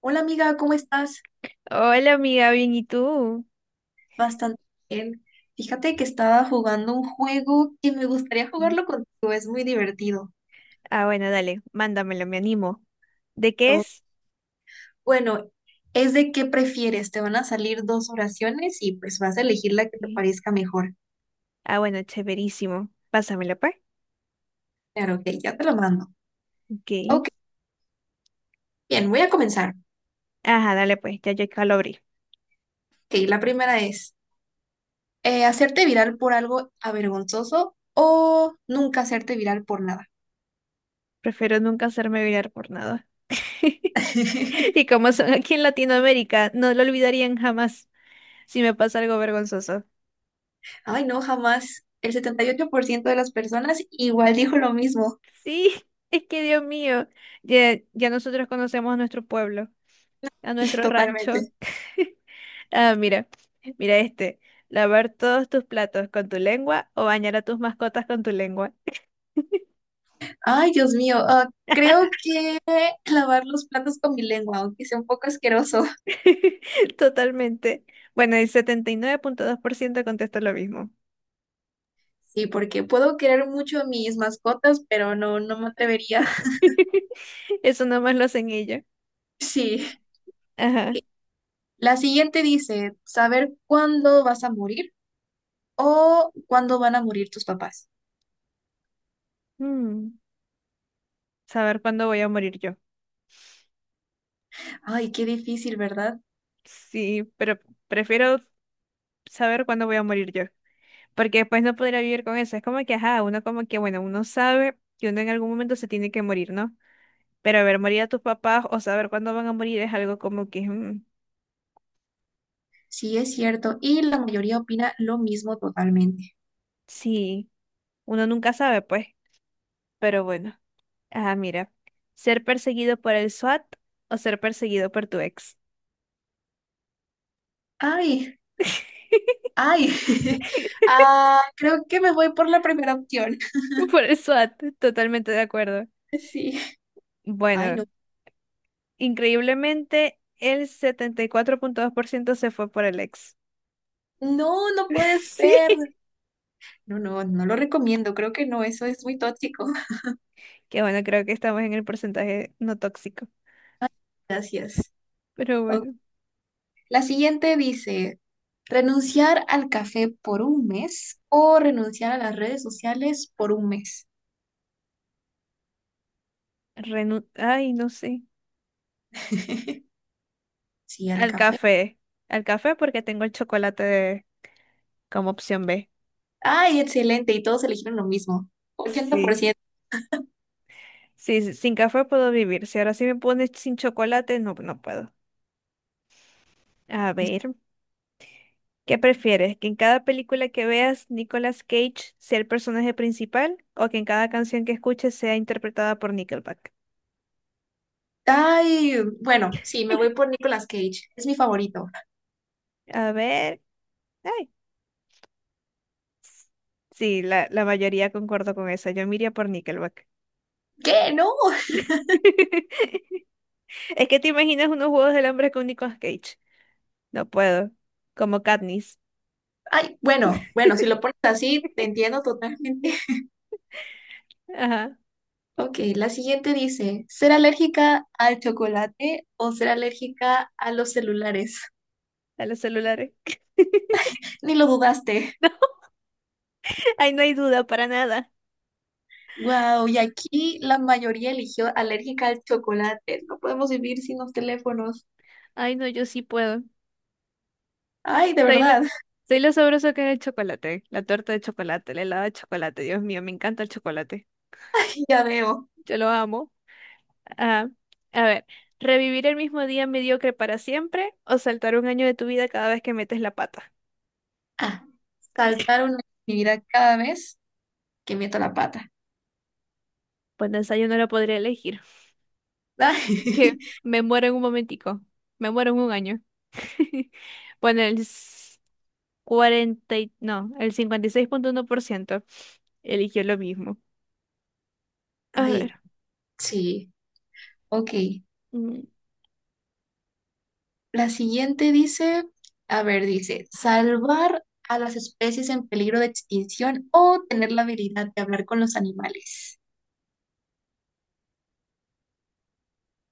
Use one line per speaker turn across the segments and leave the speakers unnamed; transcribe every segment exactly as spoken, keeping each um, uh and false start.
Hola amiga, ¿cómo estás?
Hola amiga, bien, ¿y tú?
Bastante bien. Fíjate que estaba jugando un juego que me gustaría
Sí,
jugarlo contigo, es muy divertido.
ah, bueno, dale, mándamelo, me animo. ¿De qué
O-
es?
bueno, es de qué prefieres, te van a salir dos oraciones y pues vas a elegir la que te
Sí.
parezca mejor.
Ah, bueno, chéverísimo. Pásamelo, pues.
Claro, ok, ya te lo mando.
Ok.
Ok, bien, voy a comenzar.
Ajá, dale, pues, ya yo acá lo abrí.
Ok, la primera es, eh, ¿hacerte viral por algo avergonzoso o nunca hacerte viral por nada?
Prefiero nunca hacerme virar por nada. Y como son aquí en Latinoamérica, no lo olvidarían jamás si me pasa algo vergonzoso.
Ay, no, jamás. El setenta y ocho por ciento de las personas igual dijo lo mismo.
Sí, es que Dios mío, ya, ya nosotros conocemos a nuestro pueblo, a nuestro rancho.
Totalmente.
Ah, mira, mira este. Lavar todos tus platos con tu lengua o bañar a tus mascotas con tu lengua.
Ay, Dios mío. ah, creo que lavar los platos con mi lengua, aunque sea un poco asqueroso.
Totalmente. Bueno, el setenta y nueve punto dos por ciento contesta lo mismo.
Sí, porque puedo querer mucho a mis mascotas, pero no, no me atrevería.
Eso nomás lo hacen ellos.
Sí. Ok.
Ajá.
La siguiente dice, saber cuándo vas a morir o cuándo van a morir tus papás.
Mm, Saber cuándo voy a morir yo.
Ay, qué difícil, ¿verdad?
Sí, pero prefiero saber cuándo voy a morir yo. Porque después no podría vivir con eso. Es como que, ajá, uno como que, bueno, uno sabe que uno en algún momento se tiene que morir, ¿no? Pero a ver, morir a tus papás o saber cuándo van a morir es algo como que, mm,
Sí, es cierto. Y la mayoría opina lo mismo totalmente.
sí, uno nunca sabe, pues. Pero bueno, ah, mira, ser perseguido por el SWAT o ser perseguido por tu ex.
Ay, ay. Ah, creo que me voy por la primera opción.
Por el SWAT, totalmente de acuerdo.
Sí. Ay,
Bueno,
no.
increíblemente el setenta y cuatro punto dos por ciento se fue por el ex.
No, no puede
Sí,
ser. No, no, no lo recomiendo. Creo que no, eso es muy tóxico.
que bueno, creo que estamos en el porcentaje no tóxico.
Gracias.
Pero
Ok.
bueno,
La siguiente dice, renunciar al café por un mes o renunciar a las redes sociales por un mes.
renu- ay, no sé.
Sí, al
Al
café.
café. Al café porque tengo el chocolate de- como opción B.
Ay, excelente. Y todos eligieron lo mismo. ochenta por
Sí.
ciento.
Sí, sí, sin café puedo vivir. Si ahora sí me pones sin chocolate, no, no puedo. A ver, ¿qué prefieres? ¿Que en cada película que veas Nicolas Cage sea el personaje principal o que en cada canción que escuches sea interpretada por Nickelback?
Ay, bueno, sí, me voy por Nicolas Cage. Es mi favorito.
A ver. Ay, sí, la, la mayoría concuerdo con esa. Yo me iría por Nickelback.
¿Qué? No.
Es que te imaginas unos juegos del hambre con Nicolas Cage. No puedo. Como Katniss.
Ay, bueno, bueno, si lo pones así, te entiendo totalmente.
Ajá,
Ok, la siguiente dice, ¿ser alérgica al chocolate o ser alérgica a los celulares?
a los celulares.
Ni lo dudaste.
No, ahí no hay duda para nada.
Wow, y aquí la mayoría eligió alérgica al chocolate. No podemos vivir sin los teléfonos.
Ay, no, yo sí puedo.
Ay, de
Soy lo,
verdad,
soy lo sabroso que es el chocolate, la torta de chocolate, el helado de chocolate. Dios mío, me encanta el chocolate.
ya veo.
Yo lo amo. Ah, a ver, ¿revivir el mismo día mediocre para siempre o saltar un año de tu vida cada vez que metes la pata?
Ah, saltar una actividad cada vez que meto la pata.
Pues de esa yo no lo podría elegir. Que
Ay,
me muero en un momentico. Me muero en un año. Bueno, el cuarenta y- no, el cincuenta y seis punto uno por ciento eligió lo mismo. A ver.
ay, sí, ok.
mm,
La siguiente dice, a ver, dice, salvar a las especies en peligro de extinción o tener la habilidad de hablar con los animales.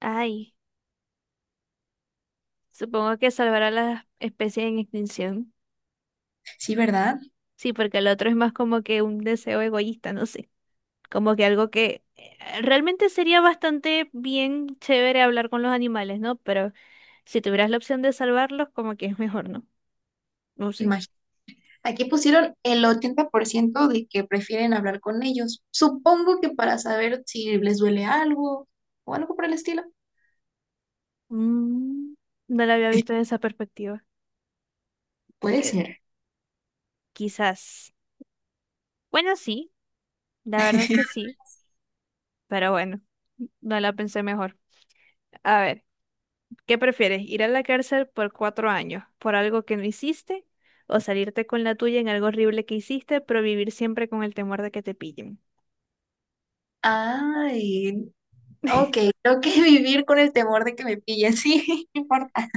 Ay, supongo que salvar a las especies en extinción.
Sí, ¿verdad?
Sí, porque el otro es más como que un deseo egoísta, no sé. Como que algo que eh, realmente sería bastante bien chévere hablar con los animales, ¿no? Pero si tuvieras la opción de salvarlos, como que es mejor, ¿no? No sé.
Imagínate. Aquí pusieron el ochenta por ciento de que prefieren hablar con ellos. Supongo que para saber si les duele algo o algo por el estilo.
Mm, no la había visto en esa perspectiva.
Puede
Que
ser.
quizás. Bueno, sí, la verdad es que sí. Pero bueno, no la pensé mejor. A ver, ¿qué prefieres? ¿Ir a la cárcel por cuatro años por algo que no hiciste? ¿O salirte con la tuya en algo horrible que hiciste, pero vivir siempre con el temor de que te pillen?
Ay, ok, creo que vivir con el temor de que me pillen, sí, no importa.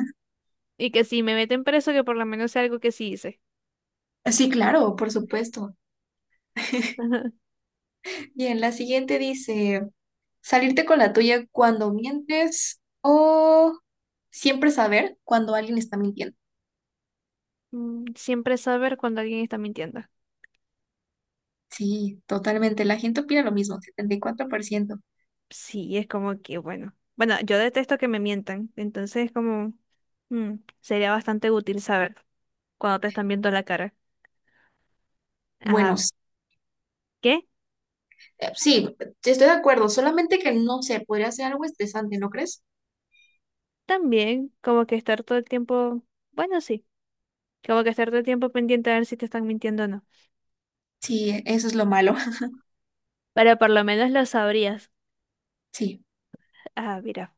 Y que si me meten preso, que por lo menos sea algo que sí hice.
Sí, claro, por supuesto.
Ajá.
Bien, la siguiente dice, salirte con la tuya cuando mientes o siempre saber cuando alguien está mintiendo.
Mm, siempre saber cuando alguien está mintiendo.
Sí, totalmente. La gente opina lo mismo, setenta y cuatro por ciento.
Sí, es como que, bueno. Bueno, yo detesto que me mientan, entonces es como, mm, sería bastante útil saber cuando te están viendo la cara.
Bueno,
Ajá.
s-
¿Qué?
eh, sí, estoy de acuerdo, solamente que no sé, podría ser algo estresante, ¿no crees?
También, como que estar todo el tiempo, bueno, sí, como que estar todo el tiempo pendiente a ver si te están mintiendo o no.
Sí, e, eso es lo malo.
Pero por lo menos lo sabrías.
Sí.
Ah, mira,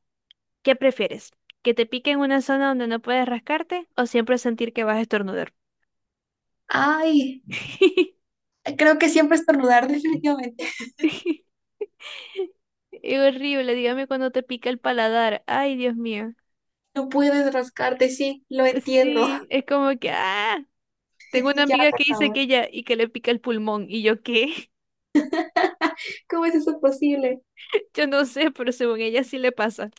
¿qué prefieres? ¿Que te pique en una zona donde no puedes rascarte o siempre sentir que vas a estornudar?
Ay, creo que siempre estornudar, definitivamente.
Es horrible, dígame cuando te pica el paladar. Ay, Dios mío.
No puedes rascarte, sí, lo entiendo.
Sí, es como que, ah, tengo una
Ya,
amiga
por
que dice
favor.
que ella y que le pica el pulmón. ¿Y yo qué?
¿Cómo es eso posible?
Yo no sé, pero según ella sí le pasa.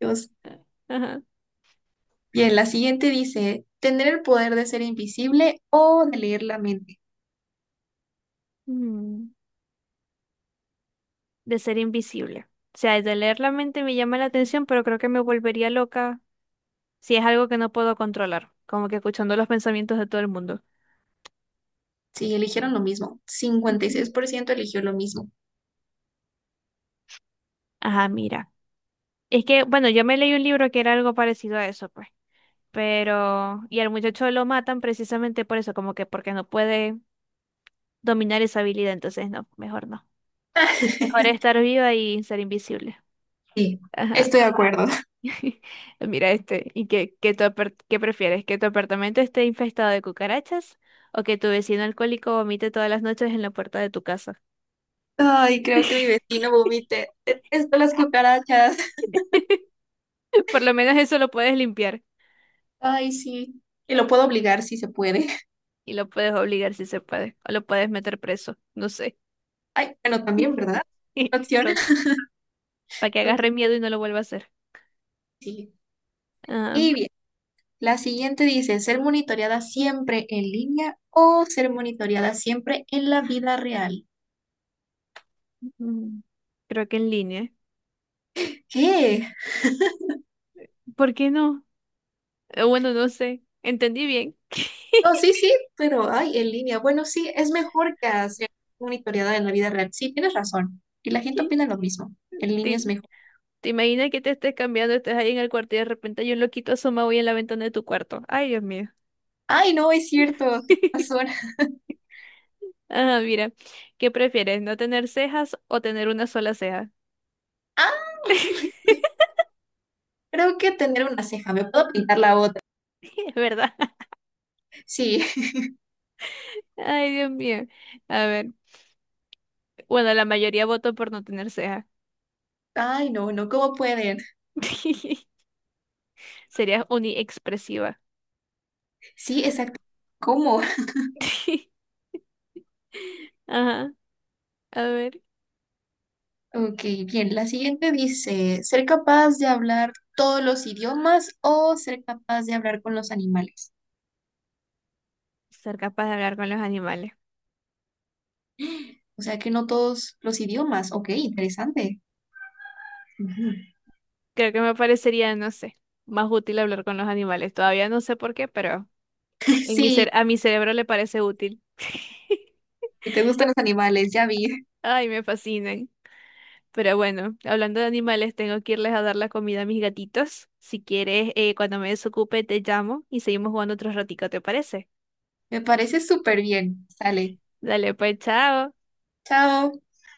Dios.
Ajá.
Bien, la siguiente dice, ¿tener el poder de ser invisible o de leer la mente?
Mm. De ser invisible. O sea, el de leer la mente me llama la atención, pero creo que me volvería loca si es algo que no puedo controlar, como que escuchando los pensamientos de todo el mundo.
Sí, eligieron lo mismo.
Ujú.
cincuenta y seis por ciento eligió lo mismo.
Ajá, mira. Es que, bueno, yo me leí un libro que era algo parecido a eso, pues. Pero, y al muchacho lo matan precisamente por eso, como que porque no puede dominar esa habilidad, entonces no, mejor no. Mejor estar viva y ser invisible.
Sí,
Ajá.
estoy de acuerdo.
Mira este, ¿y qué, qué, tu apart- qué prefieres? ¿Que tu apartamento esté infestado de cucarachas o que tu vecino alcohólico vomite todas las noches en la puerta de tu casa?
Ay, creo que mi vecino vomite. Detesto las cucarachas.
Por lo menos eso lo puedes limpiar
Ay, sí. Y lo puedo obligar si se puede.
y lo puedes obligar si se puede, o lo puedes meter preso, no sé,
Ay, bueno, también, ¿verdad? Opción.
para que
Ok,
agarre miedo y no lo vuelva a hacer.
sí.
Ah,
Y bien, la siguiente dice, ¿ser monitoreada siempre en línea o ser monitoreada siempre en la vida real?
mm, creo que en línea.
¿Qué?
¿Por qué no? Eh, Bueno, no sé, entendí bien.
No, sí, sí, pero ay, en línea. Bueno, sí, es mejor que hacer monitoreada en la vida real. Sí, tienes razón. Y la gente opina lo mismo. En línea es
Sí,
mejor.
¿te imaginas que te estés cambiando, estés ahí en el cuarto y de repente hay un loquito asomado y en la ventana de tu cuarto? Ay, Dios mío.
Ay, no, es cierto, tienes razón.
Ajá, mira, ¿qué prefieres? ¿No tener cejas o tener una sola ceja?
Ah, creo que tener una ceja, me puedo pintar la otra.
Es verdad.
Sí.
Ay, Dios mío. A ver, bueno, la mayoría votó por no tener ceja.
Ay, no, no, ¿cómo pueden?
Serías uniexpresiva.
Sí, exacto. ¿Cómo?
Ajá, a ver,
Ok, bien. La siguiente dice, ser capaz de hablar todos los idiomas o ser capaz de hablar con los animales.
ser capaz de hablar con los animales.
O sea que no todos los idiomas. Ok, interesante. Ujú.
Creo que me parecería, no sé, más útil hablar con los animales. Todavía no sé por qué, pero en mi
Sí,
cer- a mi cerebro le parece útil.
y te gustan los animales, ya vi.
Ay, me fascinan. Pero bueno, hablando de animales, tengo que irles a dar la comida a mis gatitos. Si quieres, eh, cuando me desocupe, te llamo y seguimos jugando otro ratico, ¿te parece?
Me parece súper bien. Sale.
Dale, pues, chao.
Chao.